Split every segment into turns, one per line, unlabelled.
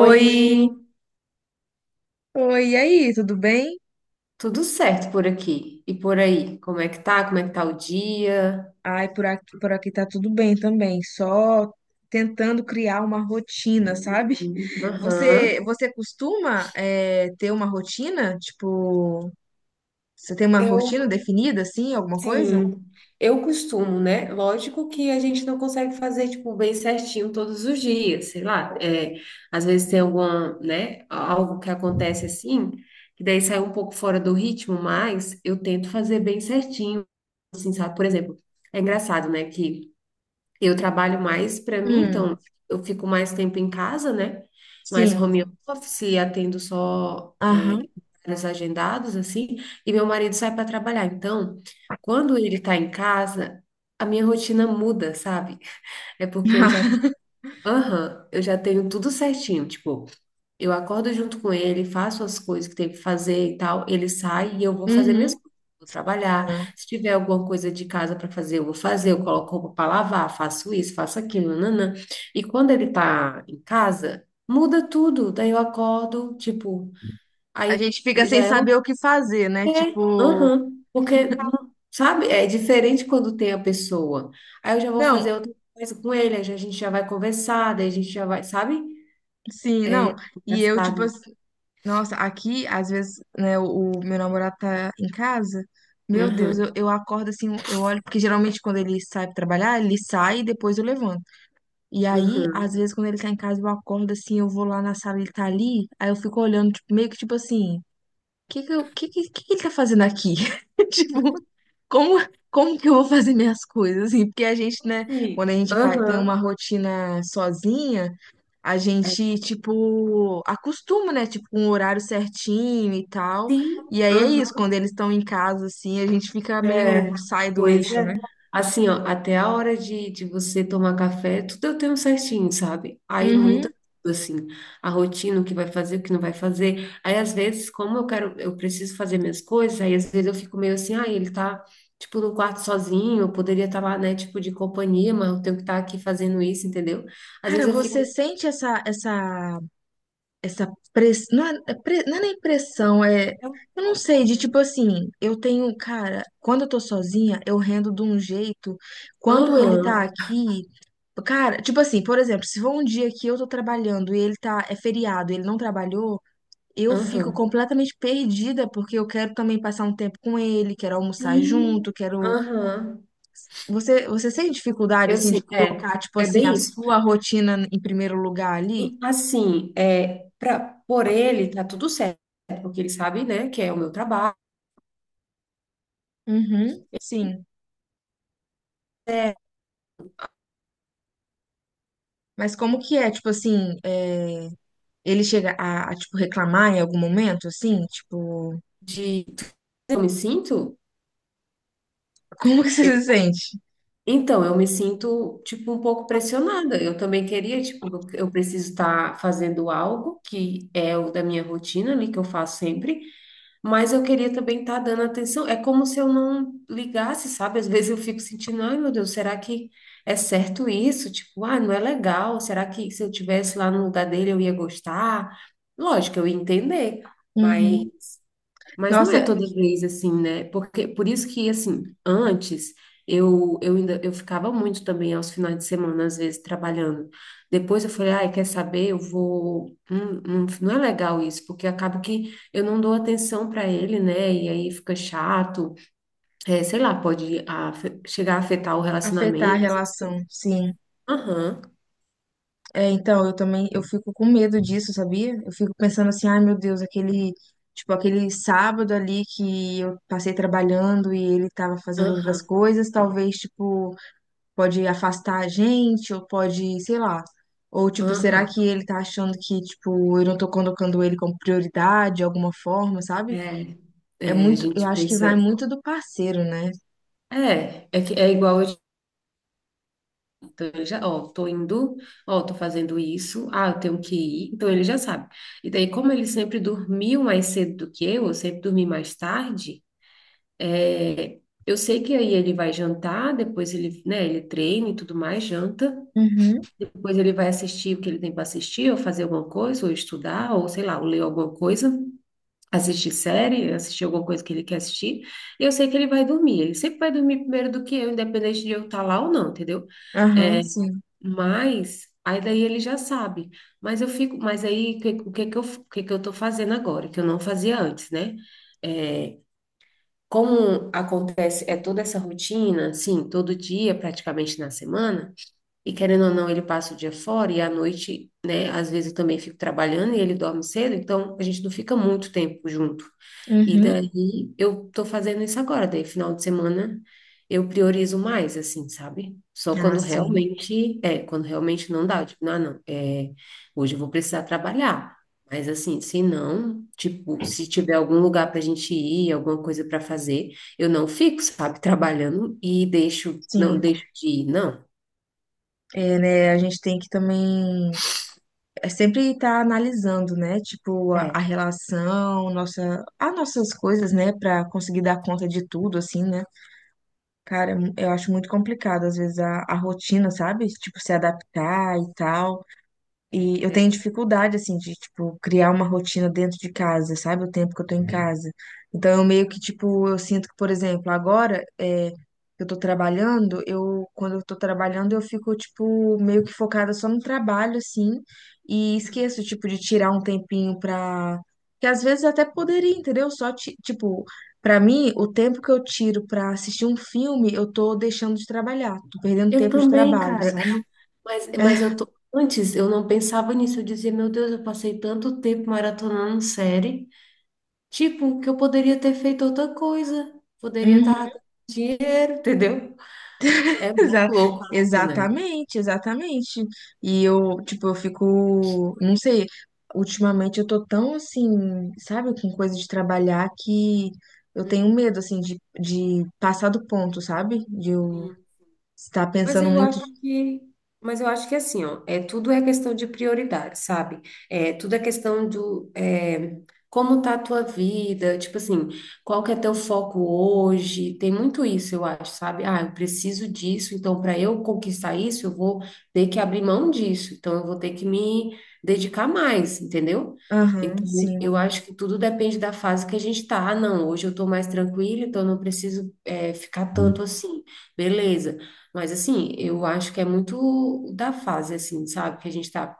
Oi,
oi, e aí, tudo bem?
tudo certo por aqui e por aí? Como é que tá? Como é que tá o dia?
Ai, por aqui tá tudo bem também, só tentando criar uma rotina, sabe? Você,
Aham.
você costuma ter uma rotina? Tipo, você tem uma
Eu,
rotina definida, assim, alguma coisa?
sim, eu costumo, né? Lógico que a gente não consegue fazer, tipo, bem certinho todos os dias, sei lá. É, às vezes tem alguma, né? Algo que acontece assim, que daí sai um pouco fora do ritmo, mas eu tento fazer bem certinho, assim, sabe? Por exemplo, é engraçado, né? Que Eu trabalho mais para mim,
Hum,
então eu fico mais tempo em casa, né? Mais
sim,
home office, e atendo só
aham.
horários agendados, assim, e meu marido sai para trabalhar. Então, quando ele está em casa, a minha rotina muda, sabe? É porque eu já, aham, eu já tenho tudo certinho, tipo. Eu acordo junto com ele, faço as coisas que tem que fazer e tal. Ele sai e eu vou fazer minhas
Uhum.
coisas. Vou trabalhar. Se tiver alguma coisa de casa para fazer, eu vou fazer. Eu coloco roupa para lavar, faço isso, faço aquilo, nanã. E quando ele tá em casa, muda tudo. Daí eu acordo, tipo,
A
aí
gente fica
já
sem
é o
saber o que fazer, né?
é,
Tipo,
aham, porque não, sabe? É diferente quando tem a pessoa. Aí eu já vou
não,
fazer outra coisa com ele, a gente já vai conversar, daí a gente já vai, sabe?
sim, não.
É
E eu, tipo,
engraçado.
assim, nossa, aqui, às vezes, né, o meu namorado tá em casa. Meu Deus,
Aham.
eu acordo assim, eu olho, porque geralmente quando ele sai pra trabalhar, ele sai e depois eu levanto. E aí,
Aham.
às vezes, quando ele tá em casa, eu acordo assim, eu vou lá na sala, ele tá ali, aí eu fico olhando, tipo, meio que tipo assim, o que que ele tá fazendo aqui? Tipo, como, como que eu vou fazer minhas coisas, assim? Porque a gente, né,
Sim.
quando a gente faz, tem uma
Aham.
rotina sozinha a
É,
gente, tipo, acostuma, né? Tipo, um horário certinho e tal.
sim.
E aí é isso,
Aham.
quando eles estão em casa, assim, a gente fica meio,
É.
sai do
Pois
eixo,
é.
né?
Assim, ó, até a hora de você tomar café, tudo eu tenho certinho, sabe? Aí
Uhum.
muda tudo, assim, a rotina, o que vai fazer, o que não vai fazer. Aí, às vezes, como eu quero, eu preciso fazer minhas coisas, aí às vezes eu fico meio assim, ah, ele tá, tipo, no quarto sozinho, eu poderia estar lá, né, tipo, de companhia, mas eu tenho que estar aqui fazendo isso, entendeu? Às
Cara,
vezes eu
você
fico,
sente essa pressão, não é, não é nem pressão, é,
é um
eu não
pouco,
sei, de
né?
tipo assim, eu tenho, cara, quando eu tô sozinha, eu rendo de um jeito, quando ele tá
Aham,
aqui, cara, tipo assim, por exemplo, se for um dia que eu tô trabalhando e ele tá, é feriado, ele não trabalhou, eu fico
aham.
completamente perdida porque eu quero também passar um tempo com ele, quero almoçar
Sim,
junto, quero.
aham,
Você sente dificuldade
eu
assim de
sei, é,
colocar tipo
é
assim a
bem isso.
sua rotina em primeiro lugar ali?
E assim, por ele tá tudo certo, porque ele sabe, né, que é o meu trabalho,
Uhum, sim.
é
Mas como que é, tipo assim, é, ele chega a tipo reclamar em algum momento, assim, tipo,
de eu me sinto,
como que você
eu-
se sente?
então, eu me sinto, tipo, um pouco pressionada. Eu também queria, tipo, eu preciso estar fazendo algo que é o da minha rotina ali, que eu faço sempre, mas eu queria também estar dando atenção. É como se eu não ligasse, sabe? Às vezes eu fico sentindo, ai meu Deus, será que é certo isso? Tipo, ah, não é legal. Será que se eu tivesse lá no lugar dele eu ia gostar? Lógico, eu ia entender, mas
Uhum.
não é
Nossa,
toda vez assim, né? Porque por isso que assim, antes eu ainda eu ficava muito também aos finais de semana às vezes trabalhando. Depois eu falei, ai, quer saber? Eu vou não é legal isso, porque acaba que eu não dou atenção para ele, né? E aí fica chato. É, sei lá, chegar a afetar o
afetar a
relacionamento.
relação, sim.
Aham,
É, então, eu também, eu fico com medo disso, sabia? Eu fico pensando assim, ai meu Deus, aquele, tipo, aquele sábado ali que eu passei trabalhando e ele tava fazendo outras
aham,
coisas, talvez, tipo, pode afastar a gente, ou pode, sei lá. Ou, tipo,
aham.
será que ele tá achando que, tipo, eu não tô colocando ele como prioridade de alguma forma, sabe?
É,
É
a
muito, eu
gente
acho que vai
pensa,
muito do parceiro, né?
é que é igual eu. Então, ele já, ó, tô indo, ó, tô fazendo isso, ah, eu tenho que ir. Então, ele já sabe. E daí, como ele sempre dormiu mais cedo do que eu sempre dormi mais tarde, é, eu sei que aí ele vai jantar, depois ele, né, ele treina e tudo mais, janta,
Uhum,
depois ele vai assistir o que ele tem para assistir, ou fazer alguma coisa, ou estudar, ou sei lá, ou ler alguma coisa. Assistir série, assistir alguma coisa que ele quer assistir, e eu sei que ele vai dormir. Ele sempre vai dormir primeiro do que eu, independente de eu estar lá ou não, entendeu?
aham, sim.
Mas aí daí ele já sabe. Mas eu fico, mas aí o que que eu tô fazendo agora, que eu não fazia antes, né? É, como acontece, é toda essa rotina, sim, todo dia, praticamente na semana. E querendo ou não, ele passa o dia fora e à noite, né? Às vezes eu também fico trabalhando e ele dorme cedo, então a gente não fica muito tempo junto. E
Uhum.
daí eu tô fazendo isso agora, daí final de semana eu priorizo mais, assim, sabe? Só
Ah,
quando
sim.
realmente, é, quando realmente não dá, tipo, não, não, hoje eu vou precisar trabalhar. Mas assim, se não, tipo, se tiver algum lugar pra gente ir, alguma coisa pra fazer, eu não fico, sabe, trabalhando e deixo, não
Sim,
deixo de ir, não.
é, né? A gente tem que também é sempre estar analisando, né? Tipo, a
É.
relação, nossa, as nossas coisas, né? Pra conseguir dar conta de tudo, assim, né? Cara, eu acho muito complicado, às vezes, a rotina, sabe? Tipo, se adaptar e tal.
É
E eu tenho
diferente.
dificuldade, assim, de, tipo, criar uma rotina dentro de casa, sabe? O tempo que eu tô em, uhum, casa. Então, eu meio que, tipo, eu sinto que, por exemplo, agora é, eu tô trabalhando, eu, quando eu tô trabalhando, eu fico, tipo, meio que focada só no trabalho, assim, e esqueço, tipo, de tirar um tempinho pra... Que às vezes até poderia, entendeu? Só, tipo, pra mim, o tempo que eu tiro pra assistir um filme, eu tô deixando de trabalhar, tô perdendo
Eu
tempo de
também,
trabalho,
cara.
sabe?
Mas eu tô. Antes eu não pensava nisso. Eu dizia, meu Deus, eu passei tanto tempo maratonando série. Tipo, que eu poderia ter feito outra coisa. Poderia estar ganhando dinheiro, entendeu? É muito
Exa-
louco isso, né?
exatamente, exatamente. E eu, tipo, eu fico, não sei, ultimamente eu tô tão assim, sabe, com coisa de trabalhar que eu tenho medo, assim, de passar do ponto, sabe? De eu estar
Mas
pensando
eu
muito.
acho que, mas eu acho que é assim, ó, é tudo é questão de prioridade, sabe? É tudo é questão como tá a tua vida, tipo assim, qual que é teu foco hoje? Tem muito isso, eu acho, sabe? Ah, eu preciso disso, então para eu conquistar isso, eu vou ter que abrir mão disso, então eu vou ter que me dedicar mais, entendeu?
Aham,
Então,
sim.
eu acho que tudo depende da fase que a gente tá. Ah, não, hoje eu tô mais tranquila, então eu não preciso ficar tanto assim. Beleza. Mas assim, eu acho que é muito da fase, assim, sabe? Que a gente tá.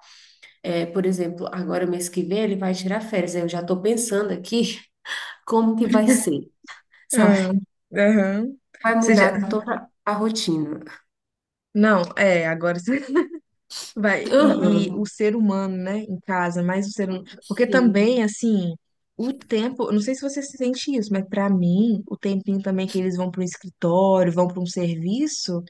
É, por exemplo, agora mês que vem ele vai tirar férias. Eu já tô pensando aqui como que vai ser, sabe?
Aham, aham. Ou
Vai
seja,
mudar toda a rotina.
não, é, agora. Vai, e
Aham,
o ser humano, né, em casa, mais o ser humano. Porque
sim.
também, assim, o tempo, eu não sei se você se sente isso, mas pra mim, o tempinho também que eles vão para um escritório, vão para um serviço,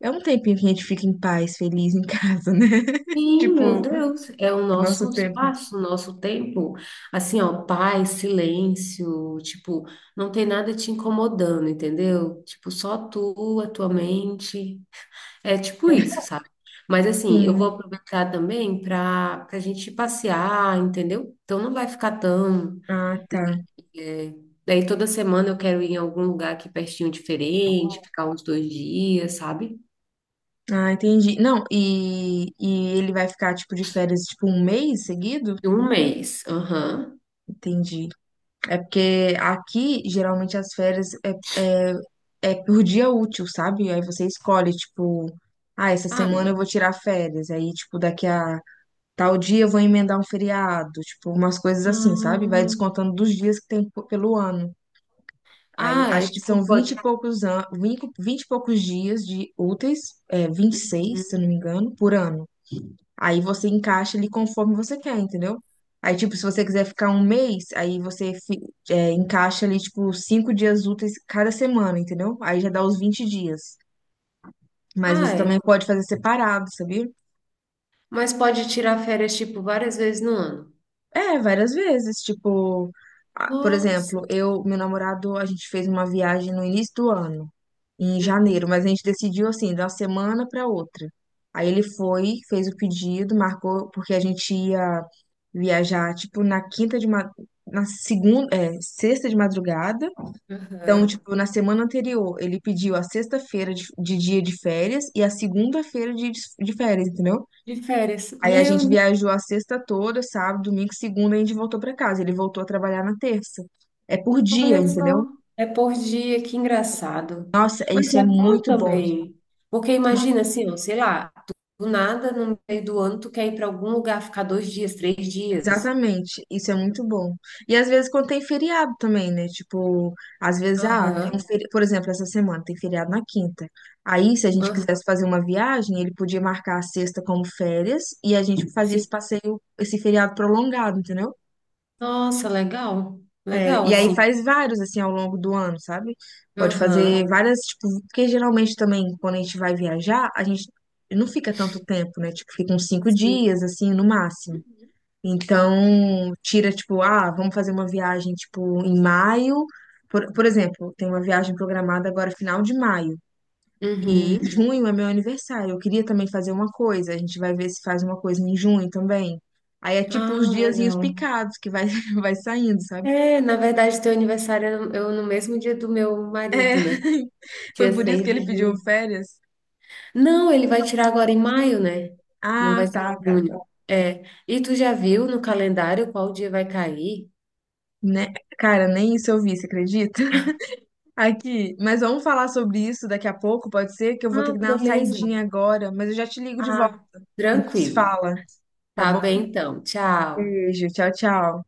é um tempinho que a gente fica em paz, feliz em casa, né?
Sim, meu
Tipo,
Deus. É o
é nosso
nosso
tempo.
espaço, o nosso tempo. Assim, ó, paz, silêncio, tipo, não tem nada te incomodando, entendeu? Tipo, só tu, a tua mente. É tipo isso, sabe? Mas assim, eu vou
Sim.
aproveitar também para a gente passear, entendeu? Então não vai ficar tão.
Ah, tá.
é, Daí toda semana eu quero ir em algum lugar aqui pertinho diferente, ficar uns dois dias, sabe?
Ah, entendi. Não, e ele vai ficar, tipo, de férias, tipo, um mês seguido?
Um mês. Aham.
Entendi. É porque aqui, geralmente, as férias é, é, é por dia útil, sabe? Aí você escolhe, tipo, ah, essa
Ah,
semana eu vou tirar férias. Aí, tipo, daqui a tal dia eu vou emendar um feriado. Tipo, umas coisas assim, sabe? Vai
hum.
descontando dos dias que tem pelo ano. Aí,
Ah, é
acho que são
tipo.
20 e
Pode...
poucos, 20 e poucos dias de úteis, é, 26, se eu
Uhum.
não me engano, por ano. Aí você encaixa ele conforme você quer, entendeu? Aí, tipo, se você quiser ficar um mês, aí você encaixa ali, tipo, 5 dias úteis cada semana, entendeu? Aí já dá os 20 dias. Mas você
Ah, é.
também pode fazer separado, sabia?
Mas pode tirar férias, tipo, várias vezes no ano.
É, várias vezes, tipo, ah, por
Nossa.
exemplo, eu, meu namorado, a gente fez uma viagem no início do ano, em janeiro, mas a gente decidiu assim, de uma semana para outra. Aí ele foi, fez o pedido, marcou, porque a gente ia viajar, tipo, na segunda, é, sexta de madrugada. Então,
Uhum.
tipo, na semana anterior, ele pediu a sexta-feira de dia de férias e a segunda-feira de férias, entendeu?
De férias.
Aí a gente
Meu
viajou a sexta toda, sábado, domingo, segunda, e a gente voltou pra casa. Ele voltou a trabalhar na terça. É por dia,
Olha só,
entendeu?
é por dia, que engraçado.
Nossa,
Mas
isso é
é bom
muito bom.
também, porque imagina assim, ó, sei lá, do nada, no meio do ano, tu quer ir para algum lugar, ficar 2 dias, 3 dias.
Exatamente, isso é muito bom. E às vezes quando tem feriado também, né? Tipo, às vezes, ah, tem um
Aham,
feriado, por exemplo, essa semana tem feriado na quinta. Aí, se a gente
aham,
quisesse fazer uma viagem, ele podia marcar a sexta como férias e a gente fazia esse
sim.
passeio, esse feriado prolongado, entendeu?
Nossa, legal,
É,
legal,
e aí
assim.
faz vários, assim, ao longo do ano, sabe? Pode fazer
Aham,
várias, tipo, porque geralmente também, quando a gente vai viajar, a gente não fica tanto tempo, né? Tipo, fica uns 5 dias,
sim.
assim, no máximo. Então, tira, tipo, ah, vamos fazer uma viagem, tipo, em maio. Por exemplo, tem uma viagem programada agora, final de maio. E
Uhum.
junho é meu aniversário. Eu queria também fazer uma coisa. A gente vai ver se faz uma coisa em junho também. Aí é tipo
Ah,
os diazinhos
legal.
picados que vai, vai saindo, sabe?
É, na verdade, teu aniversário é no mesmo dia do meu
É,
marido, né? Dia
foi por isso
6
que
de
ele pediu
junho.
férias?
Não, ele vai tirar agora em maio, né? Não
Ah,
vai ser
tá,
em
tá, tá.
junho. É. E tu já viu no calendário qual dia vai cair?
Né? Cara, nem isso eu vi, você acredita? Aqui, mas vamos falar sobre isso daqui a pouco, pode ser? Que eu vou ter
Ah,
que dar uma
beleza.
saidinha agora, mas eu já te ligo de volta,
Ah,
a gente se
tranquilo.
fala, tá
Tá
bom?
bem então. Tchau.
Beijo, tchau, tchau.